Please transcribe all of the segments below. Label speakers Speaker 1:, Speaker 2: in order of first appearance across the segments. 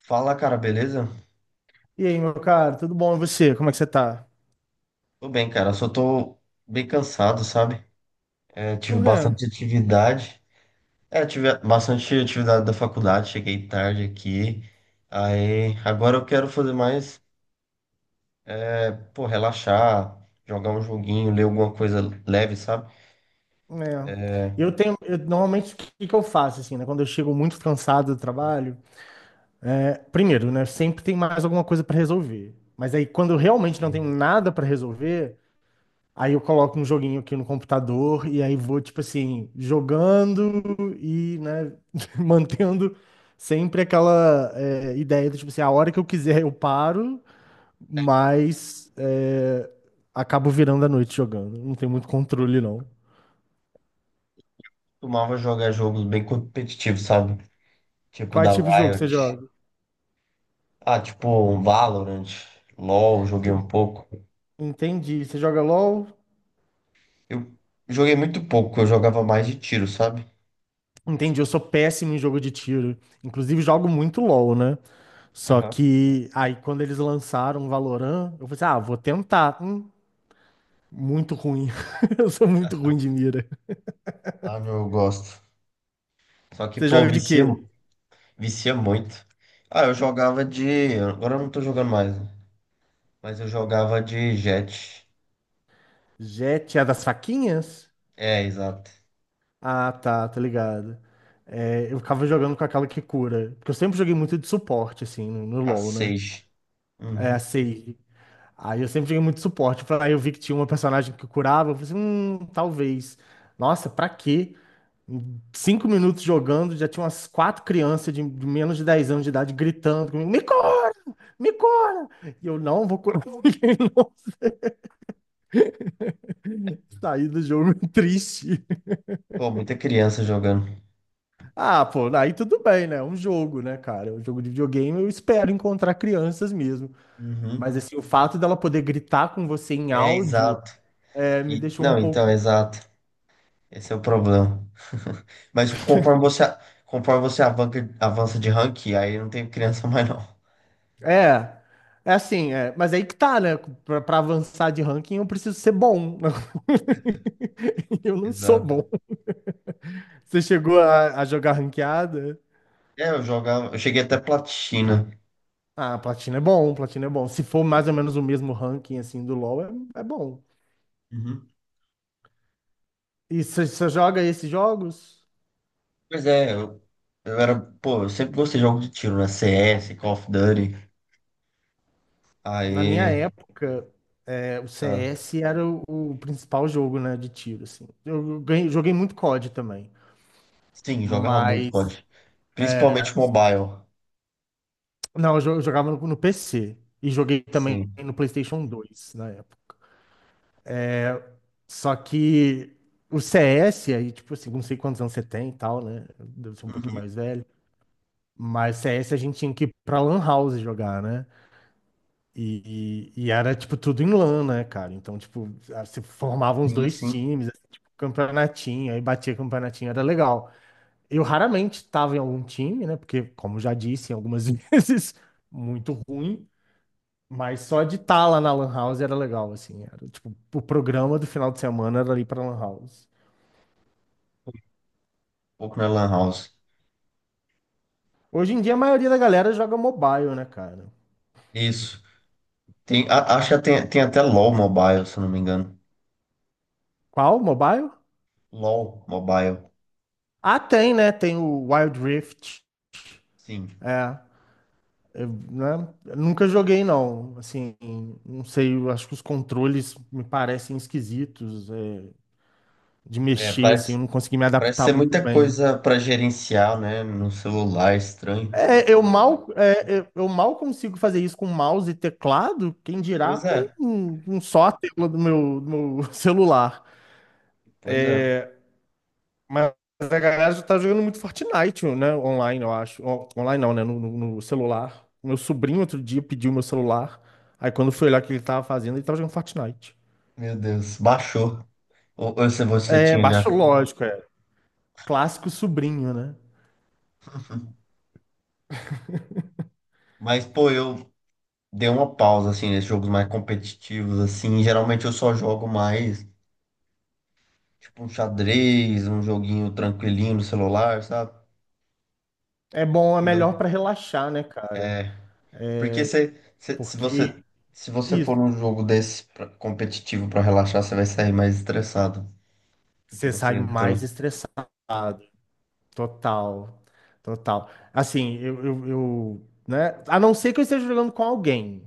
Speaker 1: Fala, cara, beleza?
Speaker 2: E aí, meu cara, tudo bom? E você? Como é que você tá?
Speaker 1: Tô bem, cara. Só tô bem cansado, sabe? Tive
Speaker 2: Por quê?
Speaker 1: bastante atividade. Tive bastante atividade da faculdade. Cheguei tarde aqui. Aí, agora eu quero fazer mais, pô, relaxar, jogar um joguinho, ler alguma coisa leve, sabe?
Speaker 2: É,
Speaker 1: É.
Speaker 2: Normalmente o que que eu faço assim, né? Quando eu chego muito cansado do trabalho, primeiro, né? Sempre tem mais alguma coisa pra resolver. Mas aí, quando eu realmente não
Speaker 1: Entendi.
Speaker 2: tenho nada pra resolver, aí eu coloco um joguinho aqui no computador e aí vou tipo assim jogando e, né? Mantendo sempre aquela ideia do tipo assim, a hora que eu quiser eu paro, mas é, acabo virando a noite jogando. Não tem muito controle, não.
Speaker 1: Costumava jogar jogos bem competitivos, sabe? Tipo
Speaker 2: Quais
Speaker 1: da
Speaker 2: tipos de jogo você
Speaker 1: Riot.
Speaker 2: joga?
Speaker 1: Tipo um Valorant, LoL, joguei um pouco.
Speaker 2: Entendi. Você joga LOL?
Speaker 1: Eu Joguei muito pouco, eu jogava mais de tiro, sabe?
Speaker 2: Entendi. Eu sou péssimo em jogo de tiro. Inclusive, jogo muito LOL, né? Só que aí, quando eles lançaram Valorant, eu falei assim: ah, vou tentar. Muito ruim. Eu sou muito ruim de mira.
Speaker 1: Ah, meu, eu gosto. Só que,
Speaker 2: Você
Speaker 1: pô,
Speaker 2: joga de
Speaker 1: vicia,
Speaker 2: quê?
Speaker 1: vicia muito. Ah, eu jogava de. Agora eu não tô jogando mais, né? Mas eu jogava de Jet.
Speaker 2: Jet é das faquinhas?
Speaker 1: É, exato.
Speaker 2: Ah, tá, tá ligado. É, eu ficava jogando com aquela que cura. Porque eu sempre joguei muito de suporte, assim, no
Speaker 1: A
Speaker 2: LoL, né?
Speaker 1: 6.
Speaker 2: É, a
Speaker 1: Uhum.
Speaker 2: Sage. Aí eu sempre joguei muito de suporte. Aí eu vi que tinha uma personagem que curava. Eu falei assim, talvez. Nossa, pra quê? Em 5 minutos jogando, já tinha umas 4 crianças de menos de 10 anos de idade gritando comigo, me cura! Me cura! E eu não vou curar ninguém, não. Saí do jogo triste.
Speaker 1: Pô, muita criança jogando.
Speaker 2: Ah, pô, aí tudo bem, né? É um jogo, né, cara? É um jogo de videogame, eu espero encontrar crianças mesmo.
Speaker 1: Uhum.
Speaker 2: Mas, assim, o fato dela poder gritar com você em
Speaker 1: É,
Speaker 2: áudio
Speaker 1: exato.
Speaker 2: me
Speaker 1: E,
Speaker 2: deixou um
Speaker 1: não, então,
Speaker 2: pouco.
Speaker 1: exato. Esse é o problema. Mas tipo, conforme você avança de rank, aí não tem criança mais, não.
Speaker 2: É, mas aí que tá, né? Pra avançar de ranking, eu preciso ser bom. Eu não sou
Speaker 1: Exato.
Speaker 2: bom. Você chegou a jogar ranqueada?
Speaker 1: É, eu jogava. Eu cheguei até platina.
Speaker 2: Ah, platina é bom, platina é bom. Se for mais ou menos o mesmo ranking, assim, do LoL, é, é bom.
Speaker 1: Uhum.
Speaker 2: E você joga esses jogos?
Speaker 1: Pois é, eu era, pô, eu sempre gostei de jogos de tiro, né? CS, Call of Duty.
Speaker 2: Na minha
Speaker 1: Aí,
Speaker 2: época, o
Speaker 1: ah,
Speaker 2: CS era o principal jogo, né, de tiro, assim. Joguei muito COD também,
Speaker 1: sim, jogava muito
Speaker 2: mas...
Speaker 1: COD.
Speaker 2: é,
Speaker 1: Principalmente mobile.
Speaker 2: não, eu jogava no PC e joguei também
Speaker 1: Sim,
Speaker 2: no PlayStation 2 na época. Só que o CS, aí, tipo assim, não sei quantos anos você tem e tal, né? Deve ser um pouquinho mais velho. Mas CS a gente tinha que ir pra Lan House jogar, né? E era, tipo, tudo em LAN, né, cara? Então, tipo, se formavam os
Speaker 1: sim, sim.
Speaker 2: dois
Speaker 1: Um
Speaker 2: times, assim, tipo, campeonatinho, aí batia campeonatinho, era legal. Eu raramente tava em algum time, né? Porque, como já disse algumas vezes, muito ruim. Mas só de estar lá na Lan House era legal, assim. Era, tipo, o programa do final de semana era ali pra Lan House.
Speaker 1: pouco na Lan House.
Speaker 2: Hoje em dia, a maioria da galera joga mobile, né, cara?
Speaker 1: Isso. Tem, acho que tem, tem até LoL Mobile, se eu não me engano.
Speaker 2: Qual? Mobile?
Speaker 1: LoL Mobile.
Speaker 2: Ah, tem, né? Tem o Wild Rift.
Speaker 1: Sim.
Speaker 2: É. Eu, né, eu nunca joguei, não. Assim, não sei, eu acho que os controles me parecem esquisitos, de
Speaker 1: É,
Speaker 2: mexer, assim,
Speaker 1: parece,
Speaker 2: eu não consegui me
Speaker 1: parece
Speaker 2: adaptar
Speaker 1: ser
Speaker 2: muito
Speaker 1: muita
Speaker 2: bem.
Speaker 1: coisa pra gerenciar, né? No celular, estranho.
Speaker 2: Eu mal consigo fazer isso com mouse e teclado, quem dirá
Speaker 1: Pois é,
Speaker 2: com só a tela do meu celular.
Speaker 1: pois é.
Speaker 2: Mas a galera já tá jogando muito Fortnite, né, online, eu acho. Online não, né, no celular. Meu sobrinho outro dia pediu meu celular, aí quando foi lá que ele tava fazendo, ele tava jogando Fortnite.
Speaker 1: Meu Deus, baixou. Ou se você
Speaker 2: É,
Speaker 1: tinha já.
Speaker 2: baixo lógico, é. Clássico sobrinho, né?
Speaker 1: Mas, pô, eu, deu uma pausa assim nesses jogos mais competitivos assim. Geralmente eu só jogo mais tipo um xadrez, um joguinho tranquilinho no celular, sabe?
Speaker 2: É bom, é
Speaker 1: Que não-
Speaker 2: melhor pra relaxar, né, cara?
Speaker 1: É, porque
Speaker 2: É,
Speaker 1: se você
Speaker 2: porque
Speaker 1: se você for
Speaker 2: isso,
Speaker 1: num jogo desse competitivo pra relaxar, você vai sair mais estressado, porque
Speaker 2: você sai
Speaker 1: você
Speaker 2: mais
Speaker 1: entrou.
Speaker 2: estressado. Total, total. Assim, né? A não ser que eu esteja jogando com alguém,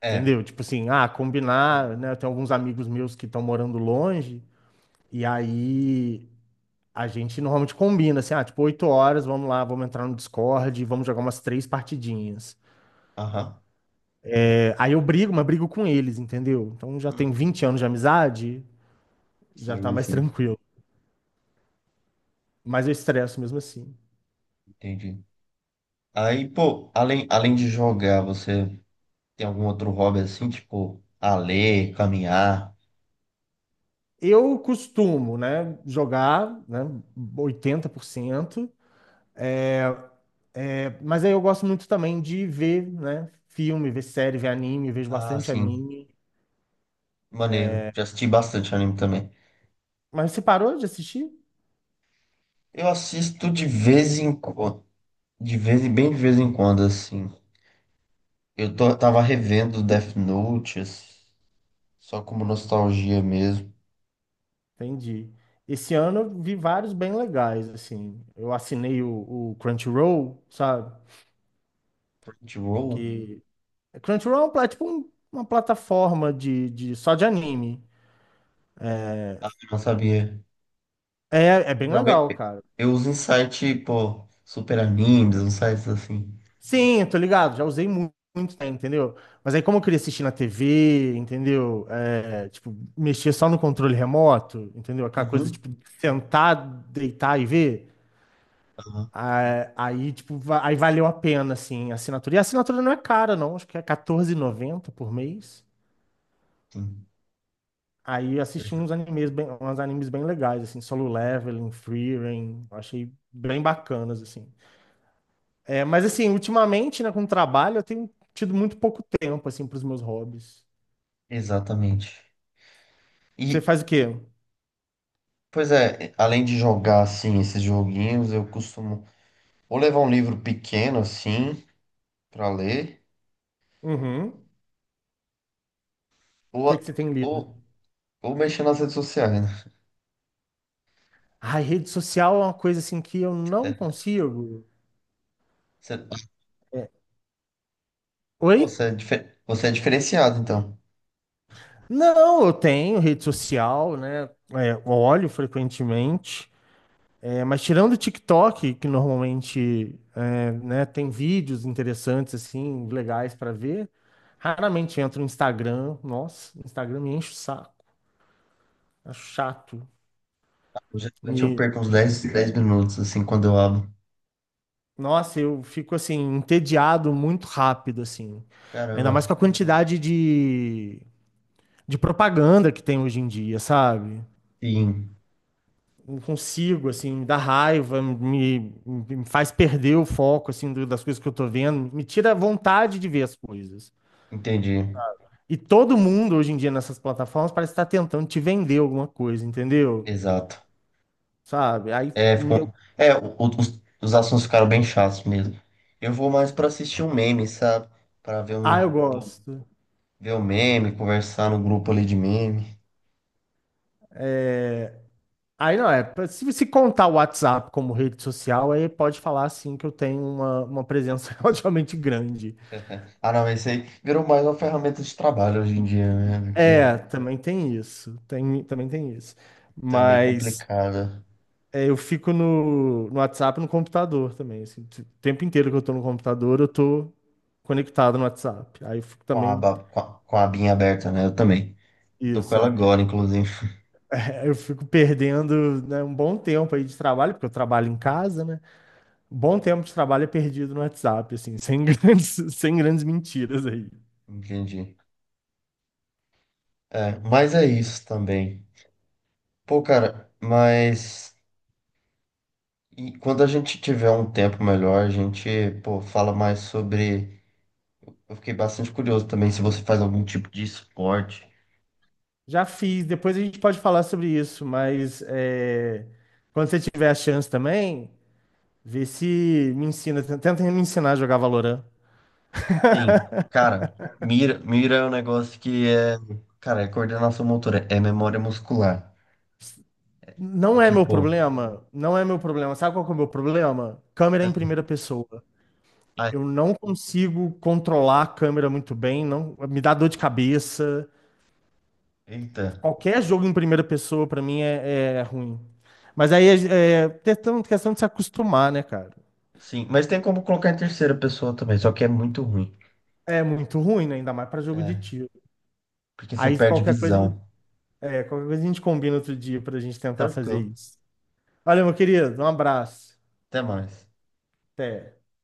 Speaker 1: É,
Speaker 2: entendeu? Tipo assim, ah, combinar, né? Eu tenho alguns amigos meus que estão morando longe, e aí a gente normalmente combina, assim, ah, tipo, 8 horas, vamos lá, vamos entrar no Discord, e vamos jogar umas 3 partidinhas.
Speaker 1: aham.
Speaker 2: Aí eu brigo, mas brigo com eles, entendeu? Então já tem 20 anos de amizade, já tá
Speaker 1: Sim,
Speaker 2: mais
Speaker 1: sim,
Speaker 2: tranquilo. Mas eu estresso mesmo assim.
Speaker 1: entendi. Aí, pô, além de jogar, você tem algum outro hobby assim, tipo, a ler, caminhar?
Speaker 2: Eu costumo, né, jogar, né, 80%. é, É, mas aí eu gosto muito também de ver, né, filme, ver série, ver anime, vejo
Speaker 1: Ah,
Speaker 2: bastante
Speaker 1: sim.
Speaker 2: anime.
Speaker 1: Maneiro. Já assisti bastante anime também.
Speaker 2: Mas você parou de assistir?
Speaker 1: Eu assisto de vez em quando, de vez em bem de vez em quando, assim. Tava revendo Death Note, assim, só como nostalgia mesmo.
Speaker 2: Entendi. Esse ano eu vi vários bem legais, assim. Eu assinei o Crunchyroll, sabe?
Speaker 1: Crunchyroll?
Speaker 2: Porque Crunchyroll é uma plataforma só de anime.
Speaker 1: Ah, eu não sabia.
Speaker 2: É, é bem legal,
Speaker 1: Geralmente
Speaker 2: cara.
Speaker 1: eu uso em site, pô, Super Animes, uns sites assim.
Speaker 2: Sim, eu tô ligado, já muito, tempo, entendeu? Mas aí como eu queria assistir na TV, entendeu? É, tipo, mexer só no controle remoto, entendeu? Aquela coisa,
Speaker 1: Uhum.
Speaker 2: tipo, sentar, deitar e ver.
Speaker 1: Aham,
Speaker 2: Ah, aí, tipo, aí valeu a pena, assim, a assinatura. E a assinatura não é cara, não. Acho que é R$ 14,90 por mês.
Speaker 1: sim.
Speaker 2: Aí eu assisti
Speaker 1: Exa-
Speaker 2: uns animes bem legais, assim, Solo Leveling, Frieren, eu achei bem bacanas, assim. É, mas assim, ultimamente, né, com o trabalho, eu tenho tido muito pouco tempo, assim, para os meus hobbies.
Speaker 1: Exatamente.
Speaker 2: Você
Speaker 1: E,
Speaker 2: faz o quê?
Speaker 1: pois é, além de jogar, assim, esses joguinhos, eu costumo ou levar um livro pequeno, assim, pra ler.
Speaker 2: Uhum. O
Speaker 1: Ou,
Speaker 2: que é que você tem lido?
Speaker 1: ou, ou mexer nas redes sociais, né?
Speaker 2: Ai, rede social é uma coisa, assim, que eu não consigo.
Speaker 1: Você,
Speaker 2: É, oi?
Speaker 1: pô, você é, você é diferenciado, então.
Speaker 2: Não, eu tenho rede social, né? É, olho frequentemente. É, mas tirando o TikTok, que normalmente é, né, tem vídeos interessantes, assim, legais para ver, raramente entro no Instagram. Nossa, o Instagram me enche o saco, acho chato.
Speaker 1: Geralmente eu
Speaker 2: E,
Speaker 1: perco uns 10 minutos, assim, quando eu abro.
Speaker 2: nossa, eu fico, assim, entediado muito rápido, assim. Ainda
Speaker 1: Caramba.
Speaker 2: mais com a quantidade de, propaganda que tem hoje em dia, sabe?
Speaker 1: Sim,
Speaker 2: Não consigo, assim, me dá raiva, me faz perder o foco, assim, das coisas que eu tô vendo, me tira a vontade de ver as coisas.
Speaker 1: entendi.
Speaker 2: E todo mundo hoje em dia nessas plataformas parece estar tentando te vender alguma coisa, entendeu?
Speaker 1: Exato.
Speaker 2: Sabe?
Speaker 1: É, ficou. É, os assuntos ficaram bem chatos mesmo. Eu vou mais pra assistir um meme, sabe? Pra ver
Speaker 2: Ah,
Speaker 1: um,
Speaker 2: eu gosto.
Speaker 1: ver um meme, conversar no grupo ali de meme.
Speaker 2: Aí não é, se você contar o WhatsApp como rede social, aí pode falar assim que eu tenho uma presença relativamente grande.
Speaker 1: Ah, não, esse aí virou mais uma ferramenta de trabalho hoje em dia, né? Que
Speaker 2: É, também tem isso. Tem, também tem isso.
Speaker 1: tá meio
Speaker 2: Mas
Speaker 1: complicado.
Speaker 2: é, eu fico no WhatsApp e no computador também. Assim, o tempo inteiro que eu tô no computador, eu tô conectado no WhatsApp. Aí eu fico
Speaker 1: Com a
Speaker 2: também.
Speaker 1: aba, com a abinha aberta, né? Eu também. Tô com
Speaker 2: Isso,
Speaker 1: ela
Speaker 2: é.
Speaker 1: agora, inclusive.
Speaker 2: Eu fico perdendo, né, um bom tempo aí de trabalho, porque eu trabalho em casa, né? Um bom tempo de trabalho é perdido no WhatsApp, assim, sem grandes, sem grandes mentiras aí.
Speaker 1: Entendi. É, mas é isso também. Pô, cara, mas e quando a gente tiver um tempo melhor, a gente, pô, fala mais sobre. Eu fiquei bastante curioso também se você faz algum tipo de esporte.
Speaker 2: Já fiz, depois a gente pode falar sobre isso, mas é, quando você tiver a chance também, vê se me ensina, tenta me ensinar a jogar Valorant.
Speaker 1: Sim, cara, mira é um negócio que é, cara, é coordenação motora, é memória muscular. É
Speaker 2: Não é meu
Speaker 1: tipo,
Speaker 2: problema, não é meu problema. Sabe qual que é o meu problema? Câmera em primeira pessoa.
Speaker 1: ah,
Speaker 2: Eu não consigo controlar a câmera muito bem, não, me dá dor de cabeça.
Speaker 1: eita,
Speaker 2: Qualquer jogo em primeira pessoa, pra mim, é, é ruim. Mas aí é, é questão de se acostumar, né, cara?
Speaker 1: sim, mas tem como colocar em terceira pessoa também, só que é muito ruim.
Speaker 2: É muito ruim, né? Ainda mais pra jogo de
Speaker 1: É.
Speaker 2: tiro.
Speaker 1: Porque você
Speaker 2: Aí
Speaker 1: perde
Speaker 2: qualquer coisa,
Speaker 1: visão.
Speaker 2: é, qualquer coisa a gente combina outro dia pra gente tentar fazer
Speaker 1: Tranquilo.
Speaker 2: isso. Valeu, meu querido. Um abraço.
Speaker 1: Até mais.
Speaker 2: Até.